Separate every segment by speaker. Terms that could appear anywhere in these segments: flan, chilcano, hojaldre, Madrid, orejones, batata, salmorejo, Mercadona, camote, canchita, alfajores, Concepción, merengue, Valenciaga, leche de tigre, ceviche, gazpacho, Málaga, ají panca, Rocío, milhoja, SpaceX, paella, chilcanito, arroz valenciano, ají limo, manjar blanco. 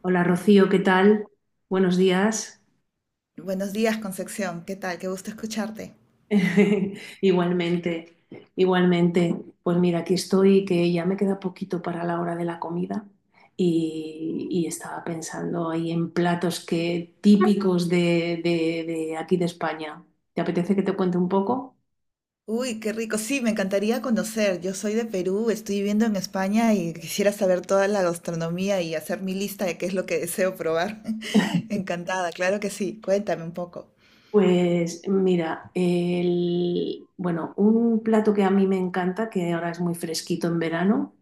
Speaker 1: Hola Rocío, ¿qué tal? Buenos días.
Speaker 2: Buenos días, Concepción. ¿Qué tal? Qué gusto escucharte.
Speaker 1: Igualmente, igualmente. Pues mira, aquí estoy, que ya me queda poquito para la hora de la comida y estaba pensando ahí en platos que, típicos de aquí de España. ¿Te apetece que te cuente un poco?
Speaker 2: Uy, qué rico. Sí, me encantaría conocer. Yo soy de Perú, estoy viviendo en España y quisiera saber toda la gastronomía y hacer mi lista de qué es lo que deseo probar. Encantada, claro que sí. Cuéntame un poco.
Speaker 1: Pues mira, el, bueno, un plato que a mí me encanta, que ahora es muy fresquito en verano,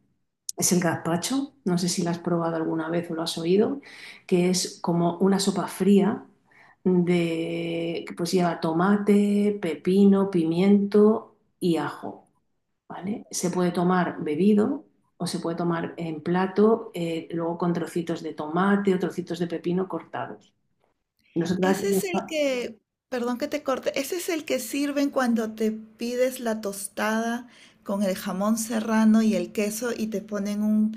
Speaker 1: es el gazpacho. No sé si lo has probado alguna vez o lo has oído, que es como una sopa fría de, que pues lleva tomate, pepino, pimiento y ajo, ¿vale? Se puede tomar bebido o se puede tomar en plato, luego con trocitos de tomate o trocitos de pepino cortados. Nosotros
Speaker 2: Ese es el
Speaker 1: aquí-
Speaker 2: que, perdón que te corte, ese es el que sirven cuando te pides la tostada con el jamón serrano y el queso y te ponen un,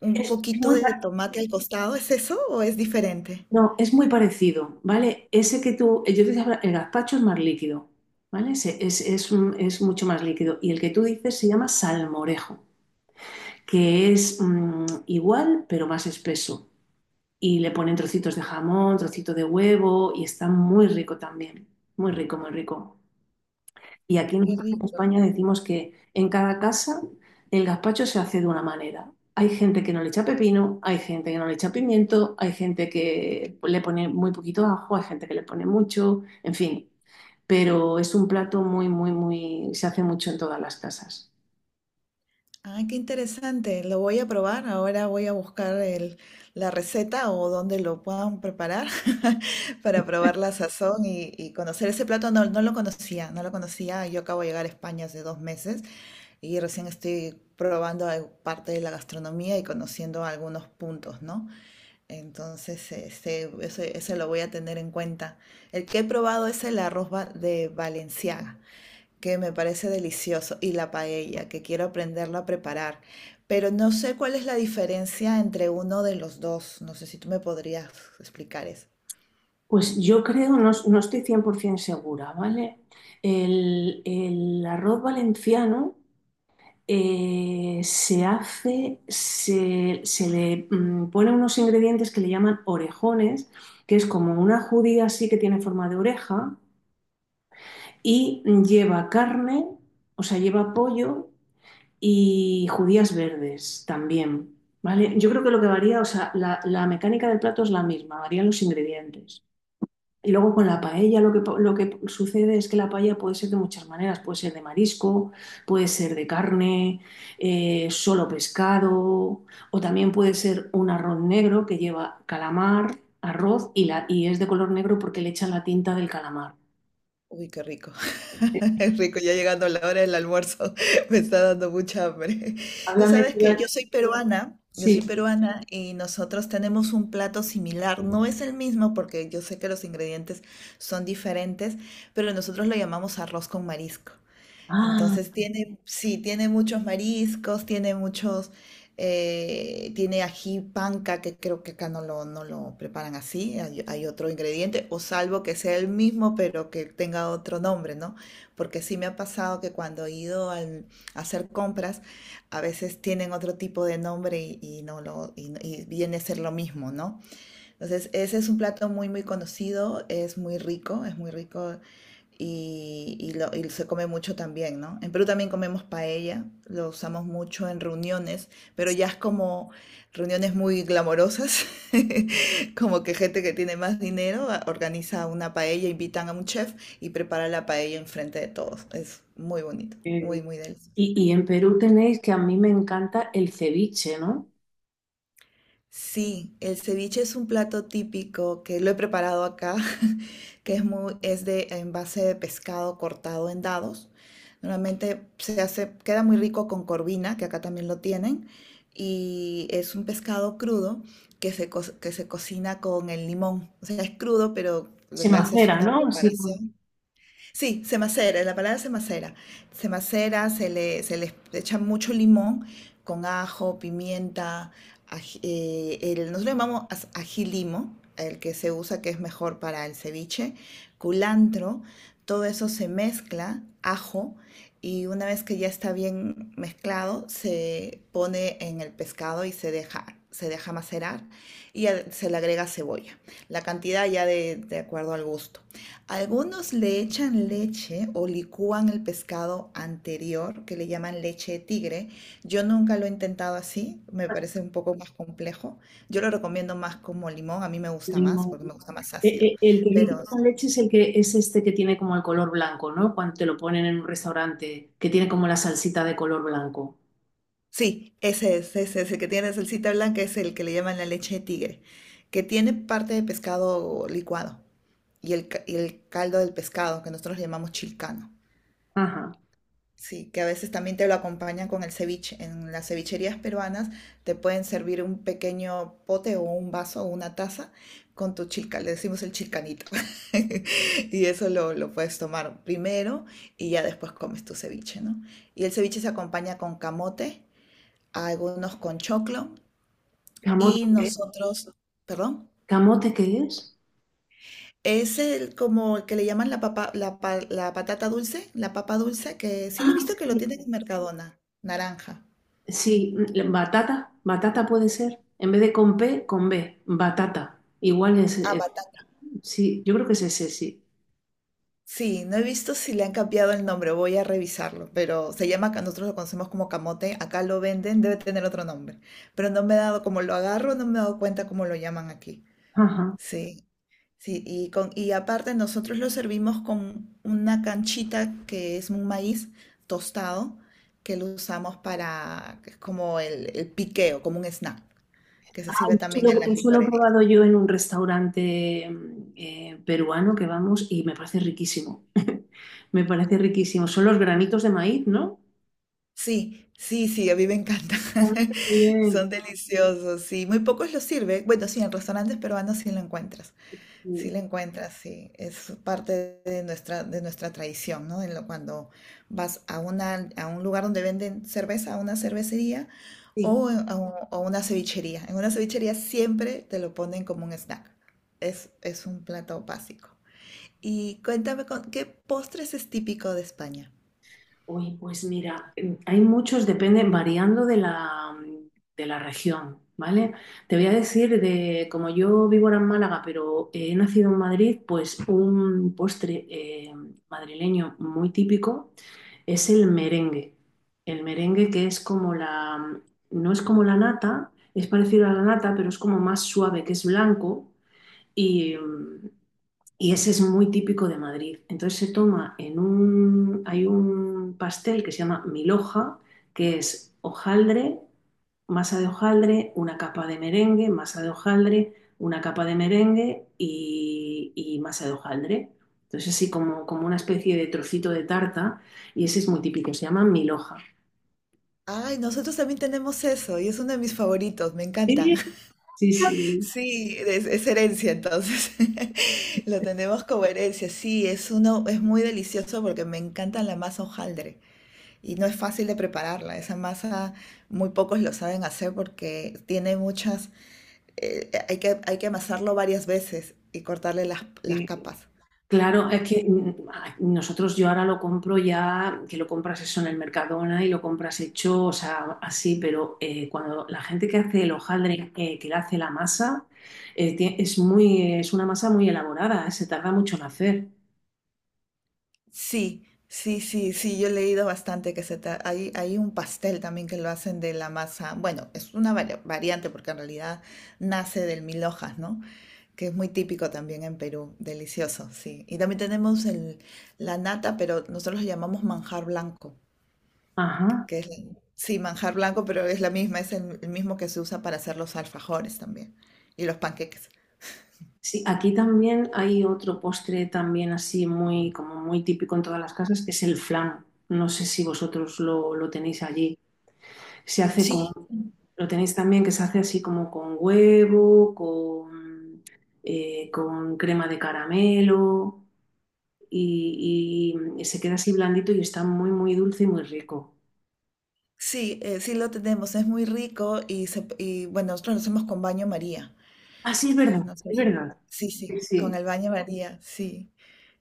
Speaker 2: un
Speaker 1: es
Speaker 2: poquito
Speaker 1: muy
Speaker 2: de tomate al costado. ¿Es eso o es diferente?
Speaker 1: No, es muy parecido, ¿vale? Ese que tú, yo te decía, el gazpacho es más líquido, ¿vale? Ese es mucho más líquido. Y el que tú dices se llama salmorejo, que es igual, pero más espeso. Y le ponen trocitos de jamón, trocito de huevo, y está muy rico también. Muy rico, muy rico. Y aquí
Speaker 2: Qué
Speaker 1: nosotros en
Speaker 2: rico.
Speaker 1: España decimos que en cada casa el gazpacho se hace de una manera. Hay gente que no le echa pepino, hay gente que no le echa pimiento, hay gente que le pone muy poquito ajo, hay gente que le pone mucho, en fin. Pero es un plato muy, muy, muy, se hace mucho en todas las casas.
Speaker 2: Ay, qué interesante. Lo voy a probar. Ahora voy a buscar la receta o donde lo puedan preparar para probar la sazón y conocer ese plato. No, no lo conocía, no lo conocía. Yo acabo de llegar a España hace 2 meses y recién estoy probando parte de la gastronomía y conociendo algunos puntos, ¿no? Entonces, este, eso lo voy a tener en cuenta. El que he probado es el arroz de Valenciaga que me parece delicioso, y la paella, que quiero aprenderla a preparar. Pero no sé cuál es la diferencia entre uno de los dos. No sé si tú me podrías explicar eso.
Speaker 1: Pues yo creo, no, no estoy 100% segura, ¿vale? El arroz valenciano se hace, se le pone unos ingredientes que le llaman orejones, que es como una judía así que tiene forma de oreja y lleva carne, o sea, lleva pollo y judías verdes también, ¿vale? Yo creo que lo que varía, o sea, la mecánica del plato es la misma, varían los ingredientes. Y luego con la paella lo que sucede es que la paella puede ser de muchas maneras. Puede ser de marisco, puede ser de carne, solo pescado, o también puede ser un arroz negro que lleva calamar, arroz y es de color negro porque le echan la tinta del calamar.
Speaker 2: Uy, qué rico. Es rico, ya llegando la hora del almuerzo, me está dando mucha hambre. Tú
Speaker 1: Háblame
Speaker 2: sabes
Speaker 1: tú
Speaker 2: que
Speaker 1: de-
Speaker 2: yo soy
Speaker 1: Sí.
Speaker 2: peruana y nosotros tenemos un plato similar. No es el mismo porque yo sé que los ingredientes son diferentes, pero nosotros lo llamamos arroz con marisco.
Speaker 1: Ah,
Speaker 2: Entonces tiene, sí, tiene muchos mariscos, tiene muchos, tiene ají panca, que creo que acá no lo preparan así, hay otro ingrediente, o salvo que sea el mismo, pero que tenga otro nombre, ¿no? Porque sí me ha pasado que cuando he ido a hacer compras, a veces tienen otro tipo de nombre y no lo, y, y viene a ser lo mismo, ¿no? Entonces, ese es un plato muy, muy conocido, es muy rico y, y se come mucho también, ¿no? En Perú también comemos paella, lo usamos mucho en reuniones, pero ya es como reuniones muy glamorosas, como que gente que tiene más dinero organiza una paella, invitan a un chef y prepara la paella enfrente de todos. Es muy bonito,
Speaker 1: qué
Speaker 2: muy,
Speaker 1: bien.
Speaker 2: muy delicioso.
Speaker 1: Y en Perú tenéis que a mí me encanta el ceviche, ¿no?
Speaker 2: Sí, el ceviche es un plato típico que lo he preparado acá, que es de en base de pescado cortado en dados. Normalmente se hace, queda muy rico con corvina, que acá también lo tienen, y es un pescado crudo que se cocina con el limón. O sea, es crudo, pero le
Speaker 1: Se
Speaker 2: haces
Speaker 1: macera,
Speaker 2: una
Speaker 1: ¿no? Así con
Speaker 2: preparación. Sí, se macera, la palabra se macera. Se macera, se le echa mucho limón con ajo, pimienta, nosotros le llamamos ají limo, el que se usa que es mejor para el ceviche, culantro, todo eso se mezcla, ajo, y una vez que ya está bien mezclado, se pone en el pescado y se deja macerar y se le agrega cebolla. La cantidad ya de acuerdo al gusto. Algunos le echan leche o licúan el pescado anterior, que le llaman leche de tigre. Yo nunca lo he intentado así, me parece un poco más complejo. Yo lo recomiendo más como limón, a mí me gusta más
Speaker 1: limón.
Speaker 2: porque me gusta más ácido.
Speaker 1: El que dices
Speaker 2: Pero
Speaker 1: con leche es el que es este que tiene como el color blanco, ¿no? Cuando te lo ponen en un restaurante, que tiene como la salsita de color blanco.
Speaker 2: sí, ese es el que tiene salsita blanca, es el que le llaman la leche de tigre, que tiene parte de pescado licuado y el caldo del pescado, que nosotros le llamamos chilcano.
Speaker 1: Ajá.
Speaker 2: Sí, que a veces también te lo acompañan con el ceviche. En las cevicherías peruanas te pueden servir un pequeño pote o un vaso o una taza con tu chilca, le decimos el chilcanito. Y eso lo puedes tomar primero y ya después comes tu ceviche, ¿no? Y el ceviche se acompaña con camote, algunos con choclo
Speaker 1: ¿Camote
Speaker 2: y nosotros, perdón,
Speaker 1: ¿Camote qué es?
Speaker 2: es el como el que le llaman la papa, la patata dulce, la papa dulce, que sí lo he
Speaker 1: Ah,
Speaker 2: visto que lo
Speaker 1: sí.
Speaker 2: tienen en Mercadona, naranja.
Speaker 1: Sí, batata, batata puede ser. En vez de con P, con B, batata. Igual es,
Speaker 2: Ah,
Speaker 1: sí, yo creo que es ese, sí.
Speaker 2: sí, no he visto si le han cambiado el nombre, voy a revisarlo, pero nosotros lo conocemos como camote, acá lo venden, debe tener otro nombre, pero no me he dado, como lo agarro, no me he dado cuenta cómo lo llaman aquí.
Speaker 1: Ajá.
Speaker 2: Sí, sí, y aparte nosotros lo servimos con una canchita que es un maíz tostado, que lo usamos para, que es como el piqueo, como un snack, que se sirve también en las
Speaker 1: Eso lo he
Speaker 2: licorerías.
Speaker 1: probado yo en un restaurante peruano que vamos y me parece riquísimo. Me parece riquísimo. Son los granitos de maíz, ¿no?
Speaker 2: Sí, sí, sí, a mí me encantan.
Speaker 1: A mí
Speaker 2: Son
Speaker 1: también.
Speaker 2: deliciosos, sí. Muy pocos los sirve. Bueno, sí, en restaurantes peruanos sí lo encuentras. Sí
Speaker 1: Sí.
Speaker 2: lo encuentras, sí. Es parte de nuestra tradición, ¿no? En lo, cuando vas a una, a un lugar donde venden cerveza, a una cervecería
Speaker 1: Sí.
Speaker 2: o a una cevichería. En una cevichería siempre te lo ponen como un snack. Es un plato básico. Y cuéntame, con, ¿qué postres es típico de España?
Speaker 1: Oye, pues mira, hay muchos, depende, variando de la región, ¿vale? Te voy a decir de, como yo vivo ahora en Málaga, pero he nacido en Madrid, pues un postre madrileño muy típico es el merengue. El merengue que es como la, no es como la nata, es parecido a la nata, pero es como más suave, que es blanco y, y ese es muy típico de Madrid. Entonces se toma en un... Hay un pastel que se llama milhoja, que es hojaldre, masa de hojaldre, una capa de merengue, masa de hojaldre, una capa de merengue y masa de hojaldre. Entonces así como, como una especie de trocito de tarta y ese es muy típico, se llama milhoja.
Speaker 2: Ay, nosotros también tenemos eso y es uno de mis favoritos, me encanta.
Speaker 1: Sí, sí,
Speaker 2: Sí, es herencia, entonces lo tenemos como herencia. Sí, es uno, es muy delicioso porque me encanta la masa hojaldre y no es fácil de prepararla. Esa masa muy pocos lo saben hacer porque hay que amasarlo varias veces y cortarle las
Speaker 1: sí.
Speaker 2: capas.
Speaker 1: Claro, es que nosotros yo ahora lo compro ya, que lo compras eso en el Mercadona y lo compras hecho, o sea, así, pero cuando la gente que hace el hojaldre, que le hace la masa, es muy, es una masa muy elaborada, se tarda mucho en hacer.
Speaker 2: Sí, sí, sí, sí, yo he leído bastante que hay un pastel también que lo hacen de la masa, bueno, es una variante porque en realidad nace del mil hojas, ¿no? Que es muy típico también en Perú, delicioso, sí. Y también tenemos el, la nata, pero nosotros lo llamamos manjar blanco,
Speaker 1: Ajá.
Speaker 2: que es, sí, manjar blanco, pero es la misma, es el mismo que se usa para hacer los alfajores también y los panqueques.
Speaker 1: Sí, aquí también hay otro postre también así muy, como muy típico en todas las casas, que es el flan. No sé si vosotros lo tenéis allí. Se hace con,
Speaker 2: Sí,
Speaker 1: lo tenéis también que se hace así como con huevo, con crema de caramelo y se queda así blandito y está muy, muy dulce y muy rico.
Speaker 2: Sí, sí lo tenemos, es muy rico y bueno, nosotros lo hacemos con baño María.
Speaker 1: Ah, sí, es verdad,
Speaker 2: No sé
Speaker 1: es
Speaker 2: si-
Speaker 1: verdad.
Speaker 2: Sí, sí,
Speaker 1: Sí,
Speaker 2: con
Speaker 1: sí,
Speaker 2: el baño María, sí,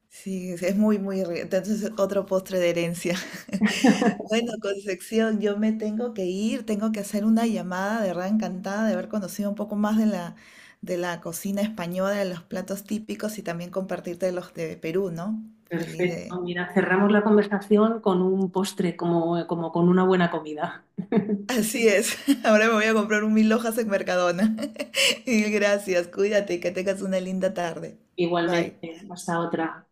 Speaker 2: sí, es muy, muy rico. Entonces, otro postre de herencia. Bueno, Concepción, yo me tengo que ir, tengo que hacer una llamada de verdad encantada de haber conocido un poco más de la, cocina española, de los platos típicos y también compartirte los de Perú, ¿no? Feliz de...
Speaker 1: perfecto. Mira, cerramos la conversación con un postre, como, como con una buena comida.
Speaker 2: Así es, ahora me voy a comprar un mil hojas en Mercadona. Y gracias, cuídate y que tengas una linda tarde. Bye.
Speaker 1: Igualmente, hasta otra.